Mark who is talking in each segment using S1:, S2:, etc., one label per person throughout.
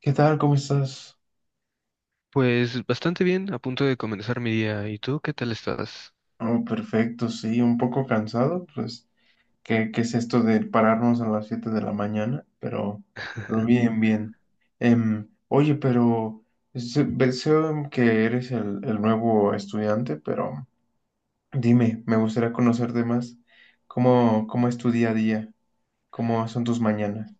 S1: ¿Qué tal? ¿Cómo estás?
S2: Pues bastante bien, a punto de comenzar mi día. ¿Y tú qué tal estás?
S1: Oh, perfecto, sí, un poco cansado, pues, ¿qué es esto de pararnos a las 7 de la mañana? Pero bien, bien. Oye, pero veo que eres el nuevo estudiante, pero dime, me gustaría conocerte más. ¿Cómo es tu día a día? ¿Cómo son tus mañanas?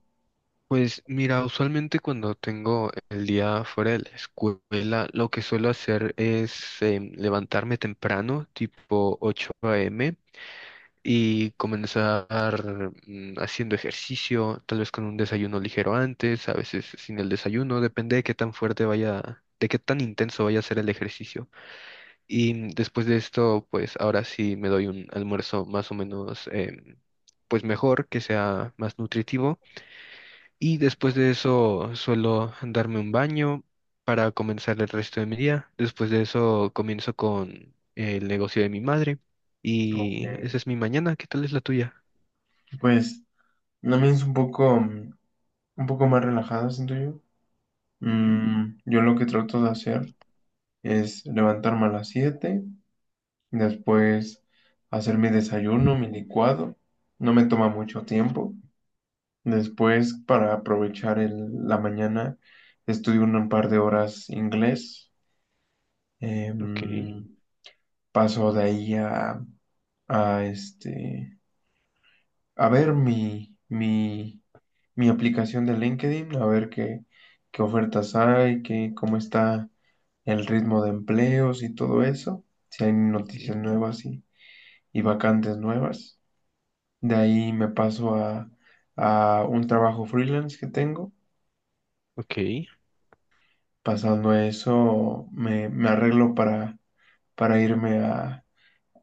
S2: Pues mira, usualmente cuando tengo el día fuera de la escuela, lo que suelo hacer es levantarme temprano, tipo 8 a.m., y comenzar haciendo ejercicio, tal vez con un desayuno ligero antes, a veces sin el desayuno, depende de qué tan fuerte vaya, de qué tan intenso vaya a ser el ejercicio. Y después de esto, pues ahora sí me doy un almuerzo más o menos, pues mejor, que sea más nutritivo. Y después de eso suelo darme un baño para comenzar el resto de mi día. Después de eso comienzo con el negocio de mi madre.
S1: Ok,
S2: Y esa es mi mañana. ¿Qué tal es la tuya?
S1: pues, la mía es un poco más relajada, siento yo.
S2: Ujú.
S1: Yo lo que trato de hacer es levantarme a las 7, después hacer mi desayuno, mi licuado, no me toma mucho tiempo. Después, para aprovechar la mañana, estudio un par de horas inglés.
S2: Ok.
S1: Em, Paso de ahí a, este, a ver mi aplicación de LinkedIn, a ver qué ofertas hay, cómo está el ritmo de empleos y todo eso, si hay
S2: Ujú.
S1: noticias nuevas y vacantes nuevas. De ahí me paso a un trabajo freelance que tengo.
S2: Ok.
S1: Pasando a eso, me arreglo para irme a,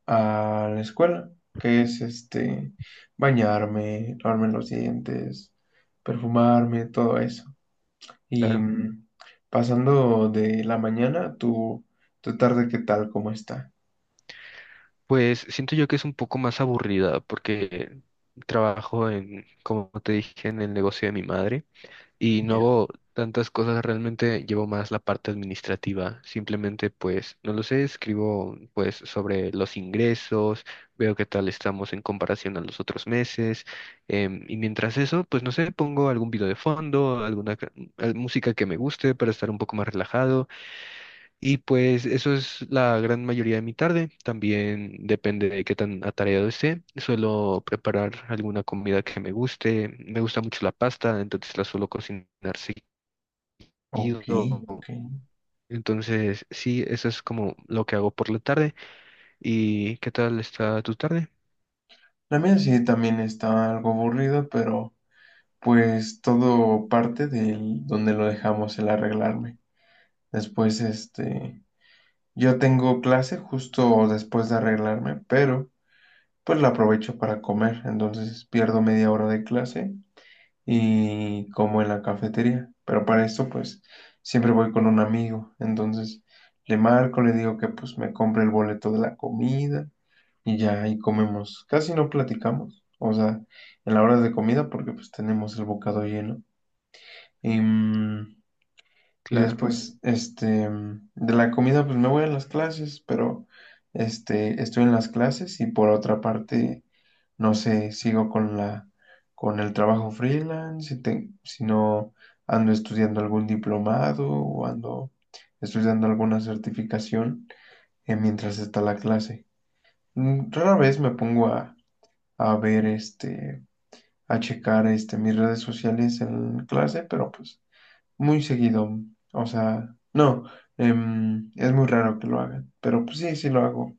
S1: a la escuela, que es este, bañarme, lavarme los dientes, perfumarme, todo eso. Y
S2: Claro.
S1: pasando de la mañana, tu tarde, ¿qué tal? ¿Cómo está?
S2: Pues siento yo que es un poco más aburrida porque trabajo en, como te dije, en el negocio de mi madre, y no
S1: Ya.
S2: hago tantas cosas, realmente llevo más la parte administrativa. Simplemente pues, no lo sé, escribo pues sobre los ingresos, veo qué tal estamos en comparación a los otros meses, y mientras eso, pues no sé, pongo algún video de fondo, alguna música que me guste para estar un poco más relajado, y pues eso es la gran mayoría de mi tarde. También depende de qué tan atareado esté. Suelo preparar alguna comida que me guste. Me gusta mucho la pasta, entonces la suelo cocinar
S1: Ok,
S2: seguido.
S1: ok.
S2: Entonces, sí, eso es como lo que hago por la tarde. ¿Y qué tal está tu tarde?
S1: La mía sí también está algo aburrida, pero pues todo parte de donde lo dejamos, el arreglarme. Después, este, yo tengo clase justo después de arreglarme, pero pues la aprovecho para comer. Entonces pierdo media hora de clase y como en la cafetería. Pero para esto, pues siempre voy con un amigo. Entonces le marco, le digo que pues me compre el boleto de la comida y ya ahí comemos. Casi no platicamos. O sea, en la hora de comida porque pues tenemos el bocado lleno. Em, y
S2: Claro,
S1: después, este, de la comida, pues me voy a las clases, pero este, estoy en las clases y por otra parte, no sé, sigo con con el trabajo freelance, si no ando estudiando algún diplomado o ando estudiando alguna certificación, mientras está la clase. Rara vez me pongo a ver este, a checar este, mis redes sociales en clase, pero pues muy seguido. O sea, no, es muy raro que lo hagan, pero pues sí, sí lo hago.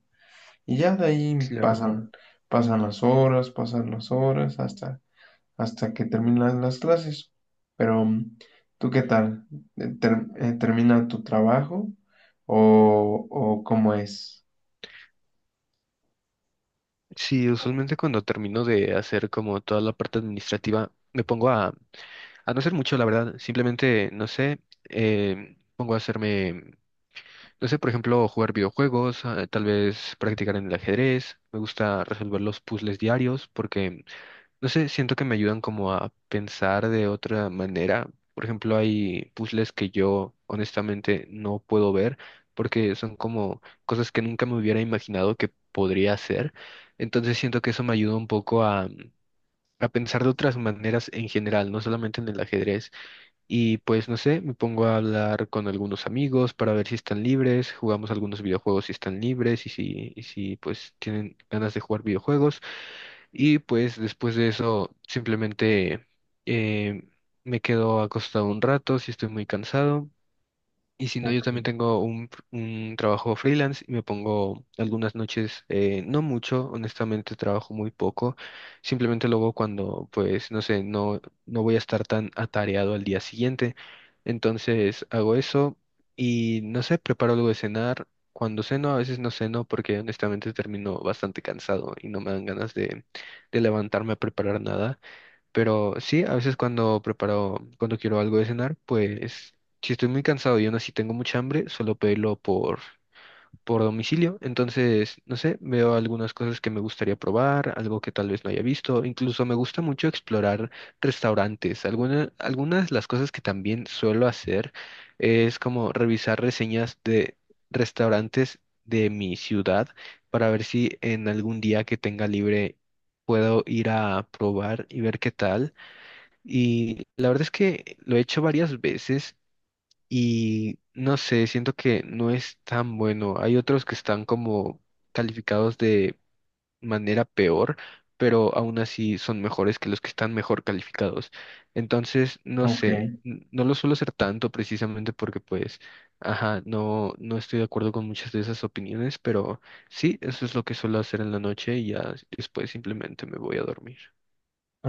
S1: Y ya de ahí
S2: claro.
S1: pasan las horas hasta que terminan las clases. Pero, ¿tú qué tal? ¿Termina tu trabajo o cómo es?
S2: Sí, usualmente cuando termino de hacer como toda la parte administrativa, me pongo a no hacer mucho, la verdad. Simplemente, no sé, pongo a hacerme. No sé, por ejemplo, jugar videojuegos, tal vez practicar en el ajedrez. Me gusta resolver los puzzles diarios porque, no sé, siento que me ayudan como a pensar de otra manera. Por ejemplo, hay puzzles que yo honestamente no puedo ver porque son como cosas que nunca me hubiera imaginado que podría hacer. Entonces siento que eso me ayuda un poco a pensar de otras maneras en general, no solamente en el ajedrez. Y pues no sé, me pongo a hablar con algunos amigos para ver si están libres, jugamos algunos videojuegos si están libres y si pues tienen ganas de jugar videojuegos. Y pues después de eso simplemente eh, me quedo acostado un rato si estoy muy cansado, y si no, yo
S1: Ok,
S2: también tengo un trabajo freelance y me pongo algunas noches, no mucho, honestamente trabajo muy poco, simplemente lo hago cuando, pues, no sé, no, no voy a estar tan atareado al día siguiente. Entonces hago eso y, no sé, preparo algo de cenar. Cuando ceno, a veces no ceno porque honestamente termino bastante cansado y no me dan ganas de levantarme a preparar nada. Pero sí, a veces cuando preparo, cuando quiero algo de cenar, pues si estoy muy cansado y aún así tengo mucha hambre, solo pedirlo por domicilio. Entonces, no sé, veo algunas cosas que me gustaría probar, algo que tal vez no haya visto. Incluso me gusta mucho explorar restaurantes. Algunas de las cosas que también suelo hacer es como revisar reseñas de restaurantes de mi ciudad para ver si en algún día que tenga libre puedo ir a probar y ver qué tal. Y la verdad es que lo he hecho varias veces y no sé, siento que no es tan bueno. Hay otros que están como calificados de manera peor, pero aún así son mejores que los que están mejor calificados. Entonces, no
S1: ok,
S2: sé, no lo suelo hacer tanto precisamente porque pues, ajá, no, no estoy de acuerdo con muchas de esas opiniones, pero sí, eso es lo que suelo hacer en la noche y ya después simplemente me voy a dormir.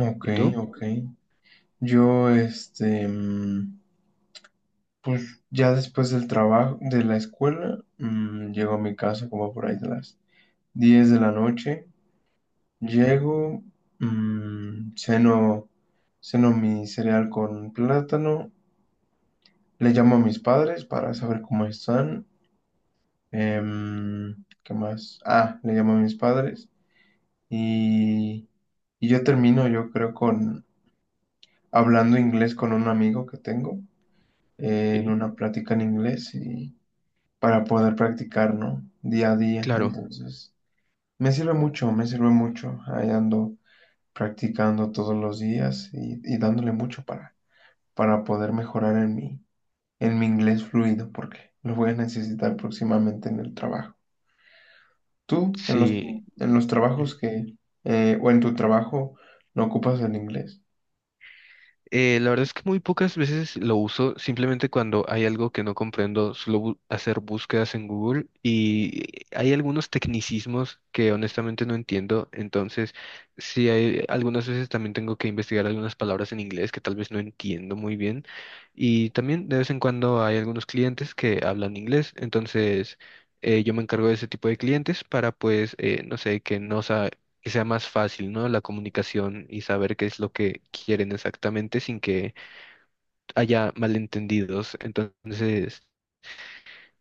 S1: ok,
S2: ¿Y tú?
S1: ok. Yo, este, pues ya después del trabajo, de la escuela, llego a mi casa como por ahí de las 10 de la noche,
S2: Ujú.
S1: llego, ceno, ceno mi cereal con plátano, le llamo a mis padres para saber cómo están, ¿qué más? Ah, le llamo a mis padres y, y yo termino, yo creo, con hablando inglés con un amigo que tengo, en
S2: Ok.
S1: una plática en inglés y para poder practicar, ¿no? Día a día,
S2: Claro.
S1: entonces me sirve mucho, ahí ando practicando todos los días y dándole mucho para, poder mejorar en mi, inglés fluido, porque lo voy a necesitar próximamente en el trabajo. ¿Tú en los,
S2: Sí.
S1: sí, en los trabajos
S2: Ujú.
S1: que, o en tu trabajo, no ocupas el inglés?
S2: La verdad es que muy pocas veces lo uso, simplemente cuando hay algo que no comprendo, suelo hacer búsquedas en Google y hay algunos tecnicismos que honestamente no entiendo, entonces sí, hay algunas veces también tengo que investigar algunas palabras en inglés que tal vez no entiendo muy bien, y también de vez en cuando hay algunos clientes que hablan inglés, entonces yo me encargo de ese tipo de clientes para pues, no sé, que no, que sea más fácil, ¿no? La comunicación y saber qué es lo que quieren exactamente sin que haya malentendidos. Entonces,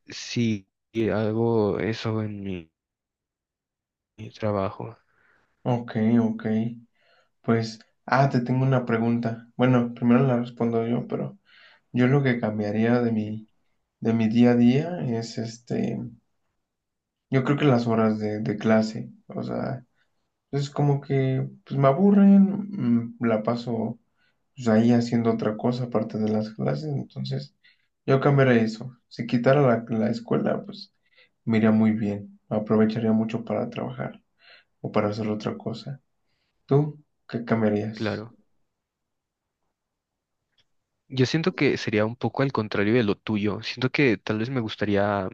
S2: sí, hago eso en mi trabajo,
S1: Ok, ok. Pues, ah, te tengo una pregunta. Bueno, primero la respondo yo, pero yo lo que cambiaría de
S2: y
S1: mi, de mi día a día es este, yo creo que las horas de clase, o sea. Entonces, como que pues, me aburren, la paso pues, ahí haciendo otra cosa aparte de las clases. Entonces, yo cambiaría eso. Si quitara la escuela, pues me iría muy bien. Aprovecharía mucho para trabajar o para hacer otra cosa. ¿Tú qué cambiarías?
S2: claro. Yo siento que sería un poco al contrario de lo tuyo. Siento que tal vez me gustaría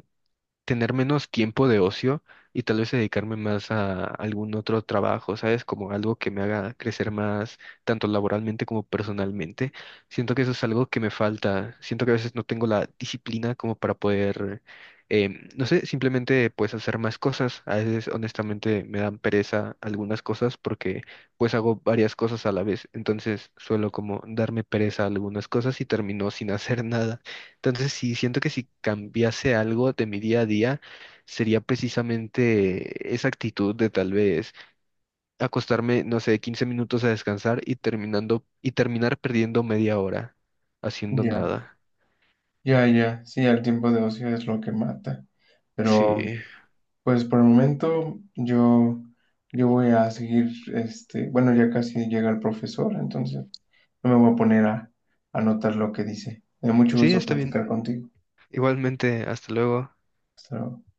S2: tener menos tiempo de ocio y tal vez dedicarme más a algún otro trabajo, ¿sabes? Como algo que me haga crecer más, tanto laboralmente como personalmente. Siento que eso es algo que me falta. Siento que a veces no tengo la disciplina como para poder, no sé, simplemente pues hacer más cosas. A veces honestamente me dan pereza algunas cosas porque pues hago varias cosas a la vez. Entonces suelo como darme pereza a algunas cosas y termino sin hacer nada. Entonces, sí, siento que si cambiase algo de mi día a día, sería precisamente esa actitud de tal vez acostarme, no sé, 15 minutos a descansar y terminando y terminar perdiendo media hora haciendo
S1: Ya,
S2: nada.
S1: ya, ya. Sí, el tiempo de ocio es lo que mata. Pero,
S2: Sí,
S1: pues por el momento, yo voy a seguir, este, bueno, ya casi llega el profesor, entonces. No me voy a poner a anotar lo que dice. Me da mucho
S2: sí,
S1: gusto
S2: está bien.
S1: platicar contigo.
S2: Igualmente, hasta luego.
S1: Hasta luego.